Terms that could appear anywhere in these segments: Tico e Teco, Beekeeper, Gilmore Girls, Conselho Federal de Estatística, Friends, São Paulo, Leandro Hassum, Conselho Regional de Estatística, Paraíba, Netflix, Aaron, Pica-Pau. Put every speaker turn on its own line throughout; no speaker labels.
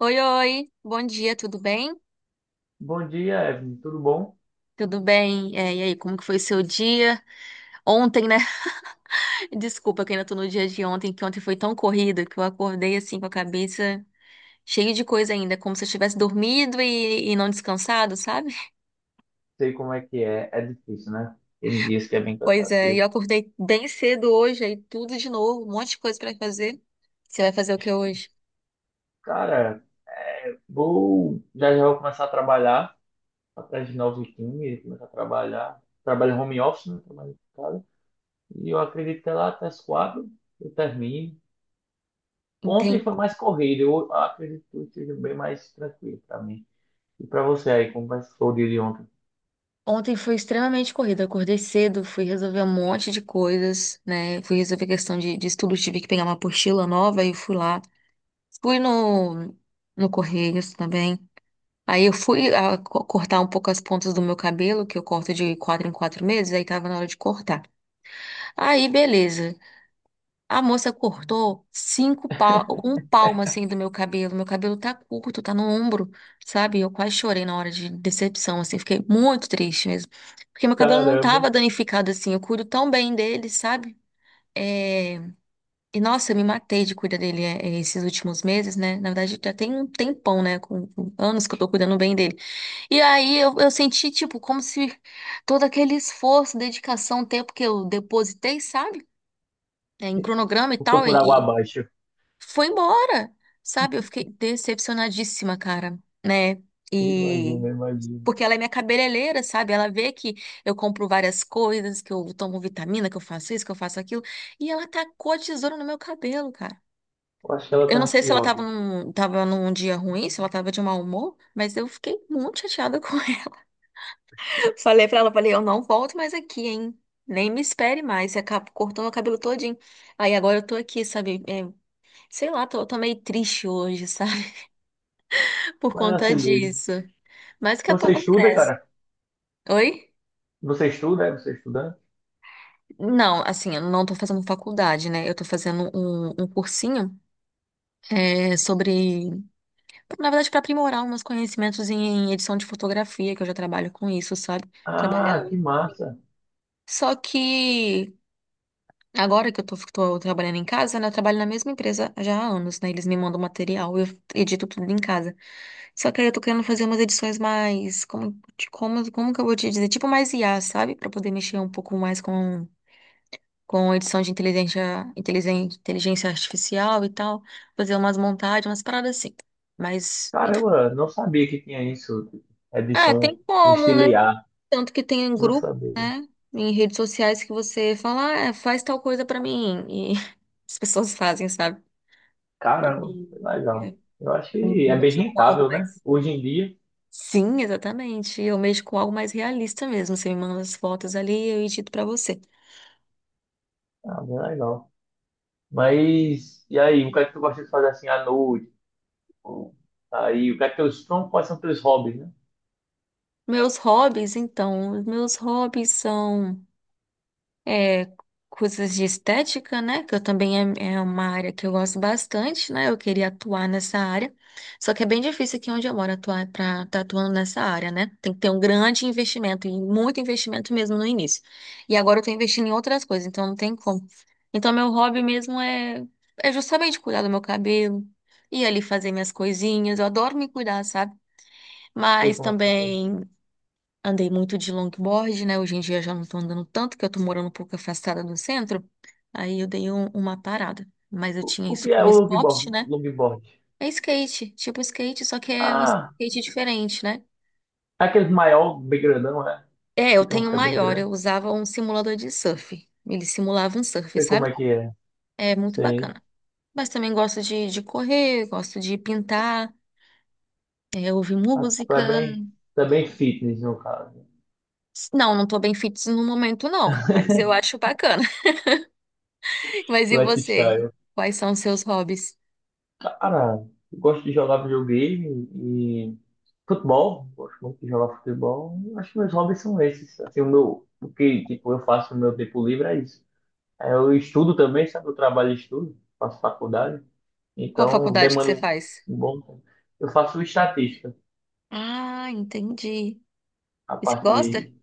Oi, oi, bom dia, tudo bem?
Bom dia, Evelyn. Tudo bom?
Tudo bem? E aí, como que foi o seu dia? Ontem, né? Desculpa que ainda tô no dia de ontem, que ontem foi tão corrido que eu acordei assim com a cabeça cheia de coisa ainda, como se eu tivesse dormido e não descansado, sabe?
Sei como é que é. É difícil, né? Tem dias que é bem
Pois é, e
cansativo.
eu acordei bem cedo hoje, aí tudo de novo, um monte de coisa pra fazer. Você vai fazer o que hoje?
Cara, vou já já vou começar a trabalhar atrás de novos times, começar a trabalhar. Trabalho home office, né? Trabalho em casa. E eu acredito que é lá até as 4 eu termine.
Entendi.
Ontem foi mais corrido. Eu acredito que hoje seja bem mais tranquilo para mim. E para você aí, como vai ser o dia de ontem?
Ontem foi extremamente corrida. Eu acordei cedo, fui resolver um monte de coisas, né? Fui resolver questão de estudo, tive que pegar uma apostila nova e fui lá. Fui no, no Correios também. Aí eu fui cortar um pouco as pontas do meu cabelo, que eu corto de quatro em quatro meses, aí tava na hora de cortar. Aí, beleza. A moça cortou cinco pa um palmo assim do meu cabelo. Meu cabelo tá curto, tá no ombro, sabe? Eu quase chorei na hora de decepção, assim, fiquei muito triste mesmo. Porque meu cabelo não
Caramba,
tava danificado assim, eu cuido tão bem dele, sabe? É. E nossa, eu me matei de cuidar dele esses últimos meses, né? Na verdade, já tem um tempão, né? Com anos que eu tô cuidando bem dele. E aí eu senti, tipo, como se todo aquele esforço, dedicação, tempo que eu depositei, sabe? É, em cronograma e
foi
tal,
por água
e
abaixo.
foi embora, sabe? Eu fiquei decepcionadíssima, cara, né? E.
Imagina, imagina.
Porque ela é minha cabeleireira, sabe? Ela vê que eu compro várias coisas, que eu tomo vitamina, que eu faço isso, que eu faço aquilo. E ela tacou a tesoura no meu cabelo, cara.
Eu acho que ela
Eu
tá
não sei se ela
ansiosa.
tava num dia ruim, se ela tava de mau humor, mas eu fiquei muito chateada com ela. Falei pra ela, falei, eu não volto mais aqui, hein? Nem me espere mais. Você acabou cortando o cabelo todinho. Aí agora eu tô aqui, sabe? É, sei lá, tô meio triste hoje, sabe? Por
Mas é
conta
assim mesmo.
disso. Mas daqui a
Você
pouco
estuda,
cresce.
cara?
Oi?
Você estuda? Você é estudante?
Não, assim, eu não tô fazendo faculdade, né? Eu tô fazendo um cursinho é, sobre. Na verdade, para aprimorar uns conhecimentos em edição de fotografia, que eu já trabalho com isso, sabe? Trabalhar.
Ah, que massa!
Só que agora que eu tô trabalhando em casa, né? Eu trabalho na mesma empresa já há anos, né? Eles me mandam material, eu edito tudo em casa. Só que aí eu tô querendo fazer umas edições mais. Como que eu vou te dizer? Tipo mais IA, sabe? Pra poder mexer um pouco mais com edição de inteligência, inteligência artificial e tal. Fazer umas montagens, umas paradas assim. Mas, enfim.
Caramba, não sabia que tinha isso.
Ah, tem
Edição no
como, né? Tanto que tem um
não
grupo
sabia.
em redes sociais que você fala, ah, é, faz tal coisa pra mim. E as pessoas fazem, sabe? E
Caramba, que legal.
é,
Eu acho
eu
que é bem
mexo com algo
rentável, né?
mais.
Hoje em dia,
Sim, exatamente. Eu mexo com algo mais realista mesmo. Você me manda as fotos ali, eu edito pra você.
ah, bem legal. Mas, e aí, o que é que tu gosta de fazer assim à noite? Ou, aí, o que é que teus, quais são teus hobbies, né? Não
Meus hobbies, então, os meus hobbies são. É, coisas de estética, né? Que eu também é, é uma área que eu gosto bastante, né? Eu queria atuar nessa área. Só que é bem difícil aqui onde eu moro atuar para estar atuando nessa área, né? Tem que ter um grande investimento, e muito investimento mesmo no início. E agora eu estou investindo em outras coisas, então não tem como. Então, meu hobby mesmo é, é justamente cuidar do meu cabelo. Ir ali fazer minhas coisinhas, eu adoro me cuidar, sabe?
sei
Mas
como é que é.
também andei muito de longboard, né? Hoje em dia já não tô andando tanto, que eu tô morando um pouco afastada do centro. Aí eu dei uma parada. Mas eu tinha
O
isso
que é
como
o
esporte,
longboard?
né?
Longboard.
É skate, tipo skate, só que é um
Ah,
skate diferente, né?
é aquele maior, bem grandão, né?
É, eu
Que tem uns
tenho um
que é bem
maior,
grande.
eu usava um simulador de surf. Ele simulava um
Não
surf,
sei como
sabe?
é que é.
É muito
Sei.
bacana. Mas também gosto de correr, gosto de pintar, é, ouvir
Ah,
música.
tu é bem fitness, no caso.
Não, não tô bem fitness no momento, não, mas eu acho bacana. Mas e você?
Lifestyle.
Quais são os seus hobbies?
Cara, eu gosto de jogar videogame e futebol. Gosto muito de jogar futebol. Acho que meus hobbies são esses. Assim, o meu, o que, tipo, eu faço no meu tempo livre é isso. Aí eu estudo também, sabe? Eu trabalho e estudo. Faço faculdade.
Qual
Então,
faculdade que
demanda
você faz?
um bom tempo. Eu faço estatística.
Ah, entendi.
A
E você
parte
gosta?
de...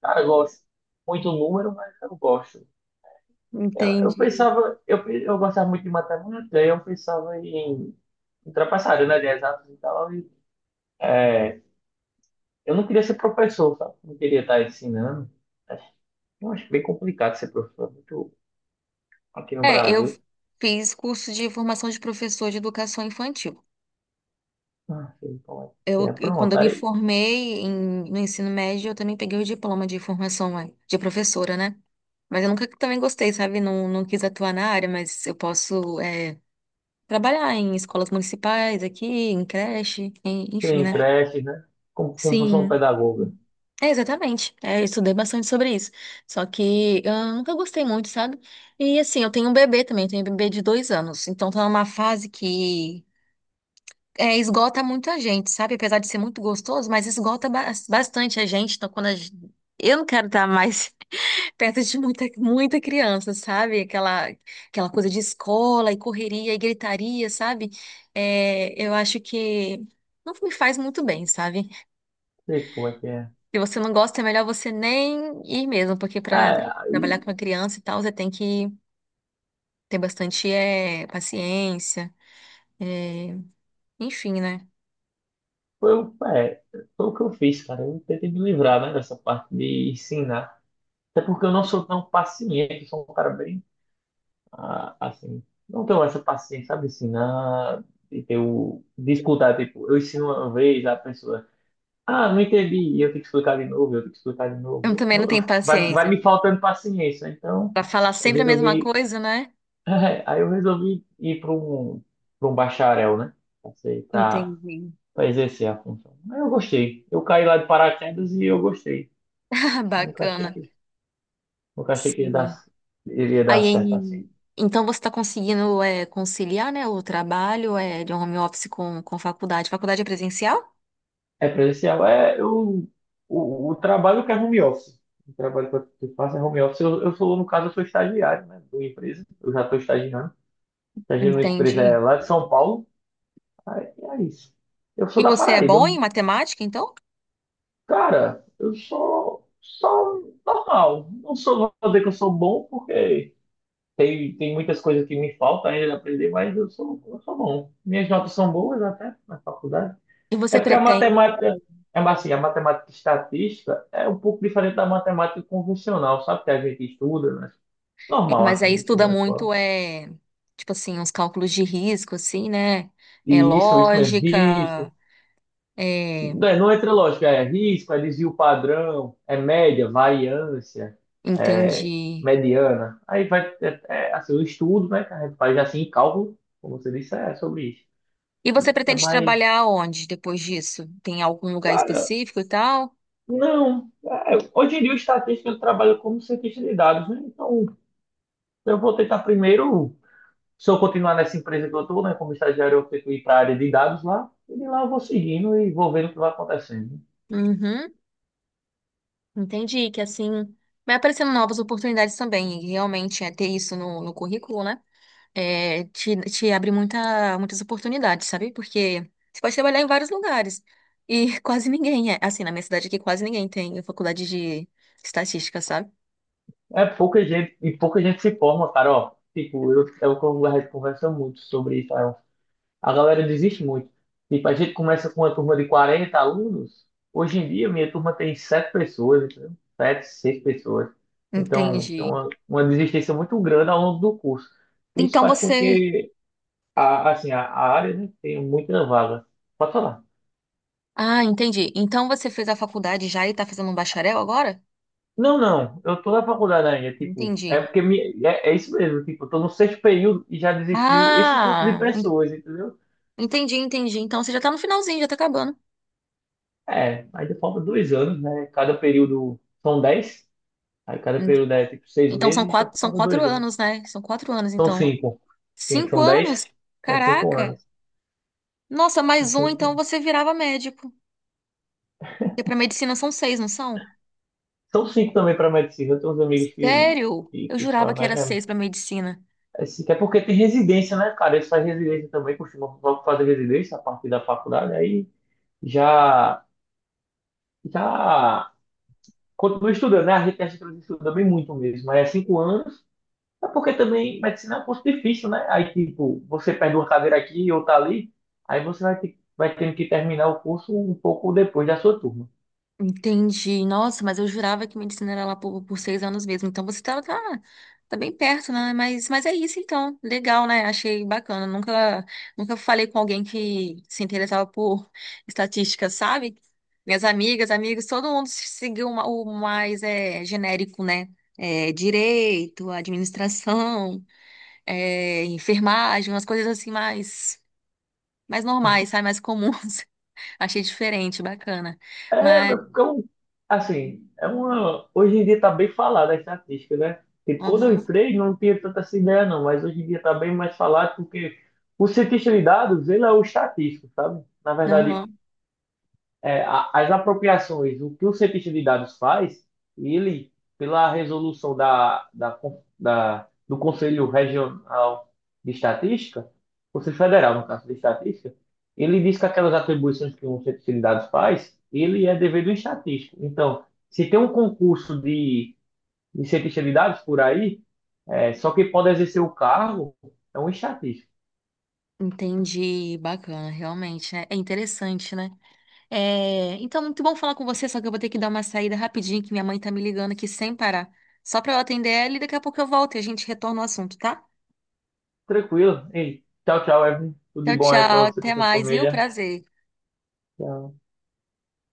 Cara, eu gosto muito do número, mas eu gosto. Eu
Entendi.
pensava, eu gostava muito de matemática, aí eu pensava em ultrapassar, né, de exatas e tal. É, eu não queria ser professor, sabe? Não queria estar ensinando. Acho- Eu acho bem complicado ser professor, muito aqui no
É, eu
Brasil.
fiz curso de formação de professor de educação infantil.
Ah, sei como é que é.
Quando
Pronto,
eu me
aí
formei no ensino médio, eu também peguei o diploma de formação de professora, né? Mas eu nunca também gostei, sabe? Não, não quis atuar na área, mas eu posso trabalhar em escolas municipais aqui, em creche, enfim,
tem
né?
creche, né? Como, como função
Sim.
pedagoga.
É, exatamente. É, eu estudei bastante sobre isso. Só que eu nunca gostei muito, sabe? E assim, eu tenho um bebê também, eu tenho um bebê de dois anos. Então tá numa fase que é, esgota muito a gente, sabe? Apesar de ser muito gostoso, mas esgota bastante a gente. Então quando a gente... Eu não quero estar mais perto de muita criança, sabe? Aquela coisa de escola e correria e gritaria, sabe? É, eu acho que não me faz muito bem, sabe?
Sei como é que é.
Se você não gosta, é melhor você nem ir mesmo, porque
Ah, é,
para trabalhar com
aí
a criança e tal, você tem que ter bastante paciência, eh, enfim, né?
foi, o- é, foi o que eu fiz, cara. Eu tentei me livrar, né, dessa parte de ensinar. Até porque eu não sou tão paciente, eu sou um cara bem assim, não tenho essa paciência, sabe, ensinar e ter o, de escutar, tipo, eu ensino uma vez a pessoa, ah, não entendi, e eu tenho que explicar de novo, eu tenho que explicar de
Eu
novo,
também não tenho
Vai, vai
paciência
me faltando paciência, então
para falar
eu
sempre a mesma
resolvi,
coisa, né?
aí eu resolvi ir para um bacharel, né, para
Entendi.
para exercer a função. Aí eu gostei, eu caí lá de paraquedas e eu gostei, nunca achei
Bacana.
que, nunca achei que ia dar,
Sim.
iria dar
Aí,
certo assim.
em- então você está conseguindo conciliar, né, o trabalho de home office com faculdade? Faculdade é presencial?
É presencial. É, eu, o trabalho que é home office. O trabalho que eu faço é home office. Eu sou, no caso, eu sou estagiário, né, de uma empresa. Eu já estou estagiando. Estagiando numa empresa é,
Entendi.
lá de São Paulo. Aí, é isso. Eu sou
E
da
você é
Paraíba.
bom em
Não-
matemática, então?
Cara, eu sou só normal. Não sou, não vou dizer que eu sou bom, porque tem muitas coisas que me faltam ainda de aprender, mas eu sou bom. Minhas notas são boas até na faculdade.
E você
É porque a
pretende?
matemática, é assim, a matemática estatística é um pouco diferente da matemática convencional, sabe? Que a gente estuda, né?
É,
Normal,
mas aí
assim,
estuda
estuda na escola.
muito, é, tipo assim, os cálculos de risco, assim, né? É
E isso mesmo,
lógica,
risco.
é,
Não, não entra lógica, é risco, é desvio padrão, é média, variância, é
entendi.
mediana. Aí vai, é, é, assim, o estudo, né, que a gente faz assim, em cálculo, como você disse, é sobre isso.
E você
É
pretende
mais,
trabalhar onde depois disso? Tem algum lugar
cara,
específico e tal?
não. É, hoje em dia o estatístico ele trabalha como cientista de dados, né? Então, eu vou tentar primeiro, se eu continuar nessa empresa que eu estou, né, como estagiário, eu tento ir para a área de dados lá, e de lá eu vou seguindo e vou vendo o que vai acontecendo.
Uhum, entendi que assim vai aparecendo novas oportunidades também, e realmente é ter isso no currículo, né? É, te abre muitas oportunidades, sabe? Porque você pode trabalhar em vários lugares. E quase ninguém é. Assim, na minha cidade aqui, quase ninguém tem faculdade de estatística, sabe?
É pouca gente, e pouca gente se forma, cara, ó. Tipo, eu, é o que eu- a conversa muito sobre isso, Aaron. A galera desiste muito. Tipo, a gente começa com uma turma de 40 alunos, hoje em dia minha turma tem sete pessoas, entendeu? Sete, seis pessoas. Então, tem
Entendi.
uma desistência muito grande ao longo do curso. Isso
Então
faz com
você.
que a, assim, a área, né, tem muita vaga. Pode falar.
Ah, entendi. Então você fez a faculdade já e tá fazendo um bacharel agora?
Não, não, eu tô na faculdade ainda, tipo,
Entendi.
é, é isso mesmo, tipo, eu tô no sexto período e já desistiu esse tanto de
Ah,
pessoas, entendeu?
entendi. Então você já tá no finalzinho, já tá acabando.
É, ainda falta 2 anos, né? Cada período são dez, aí cada
En-
período é tipo seis
Então
meses, então
são
falta
quatro
2 anos.
anos, né? São quatro anos,
São
então.
cinco. Cinco,
Cinco
são
anos?
dez, são cinco
Caraca!
anos.
Nossa,
São
mais um, então
cinco,
você virava médico. Porque para medicina são seis, não são?
são cinco também para medicina, eu tenho uns amigos que,
Sério?
que,
Eu
que
jurava que era
falam,
seis para medicina.
Esse, é porque tem residência, né, cara? Eles fazem residência também, costumam fazer residência a partir da faculdade, aí já, já continua estudando, né? A gente acha que eles estudam bem muito mesmo, mas é 5 anos, é porque também medicina é um curso difícil, né? Aí, tipo, você perde uma cadeira aqui e outra ali, aí você vai ter, vai tendo que terminar o curso um pouco depois da sua turma.
Entendi. Nossa, mas eu jurava que medicina era lá por seis anos mesmo. Então você tá bem perto, né? Mas é isso então. Legal, né? Achei bacana. Nunca falei com alguém que se interessava por estatística, sabe? Minhas amigas, amigos, todo mundo seguiu uma- o mais é, genérico, né? É, direito, administração. É, enfermagem, umas coisas assim mais, mais normais, sabe? Mais comuns. Achei diferente, bacana.
É,
Mas,
porque eu, assim, é uma, hoje em dia está bem falada a estatística, né? Porque quando eu
aham,
entrei não tinha tanta essa ideia não, mas hoje em dia está bem mais falado porque o cientista de dados, ele é o estatístico, sabe? Na verdade,
aham,
é, as apropriações, o que o cientista de dados faz, ele, pela resolução da do Conselho Regional de Estatística, Conselho Federal, no caso de Estatística, ele diz que aquelas atribuições que um cientista de dados faz, ele é dever do estatístico. Então, se tem um concurso de cientista de dados por aí, é, só quem pode exercer o cargo é um estatístico.
entendi, bacana, realmente, né? É interessante, né? É, então, muito bom falar com você, só que eu vou ter que dar uma saída rapidinho, que minha mãe tá me ligando aqui sem parar. Só pra eu atender ela e daqui a pouco eu volto e a gente retorna o assunto, tá?
Tranquilo. Ei, tchau, tchau, Evelyn. Tudo de
Tchau,
bom aí para
tchau,
você, para
até
sua
mais, viu?
família.
Prazer.
Tchau.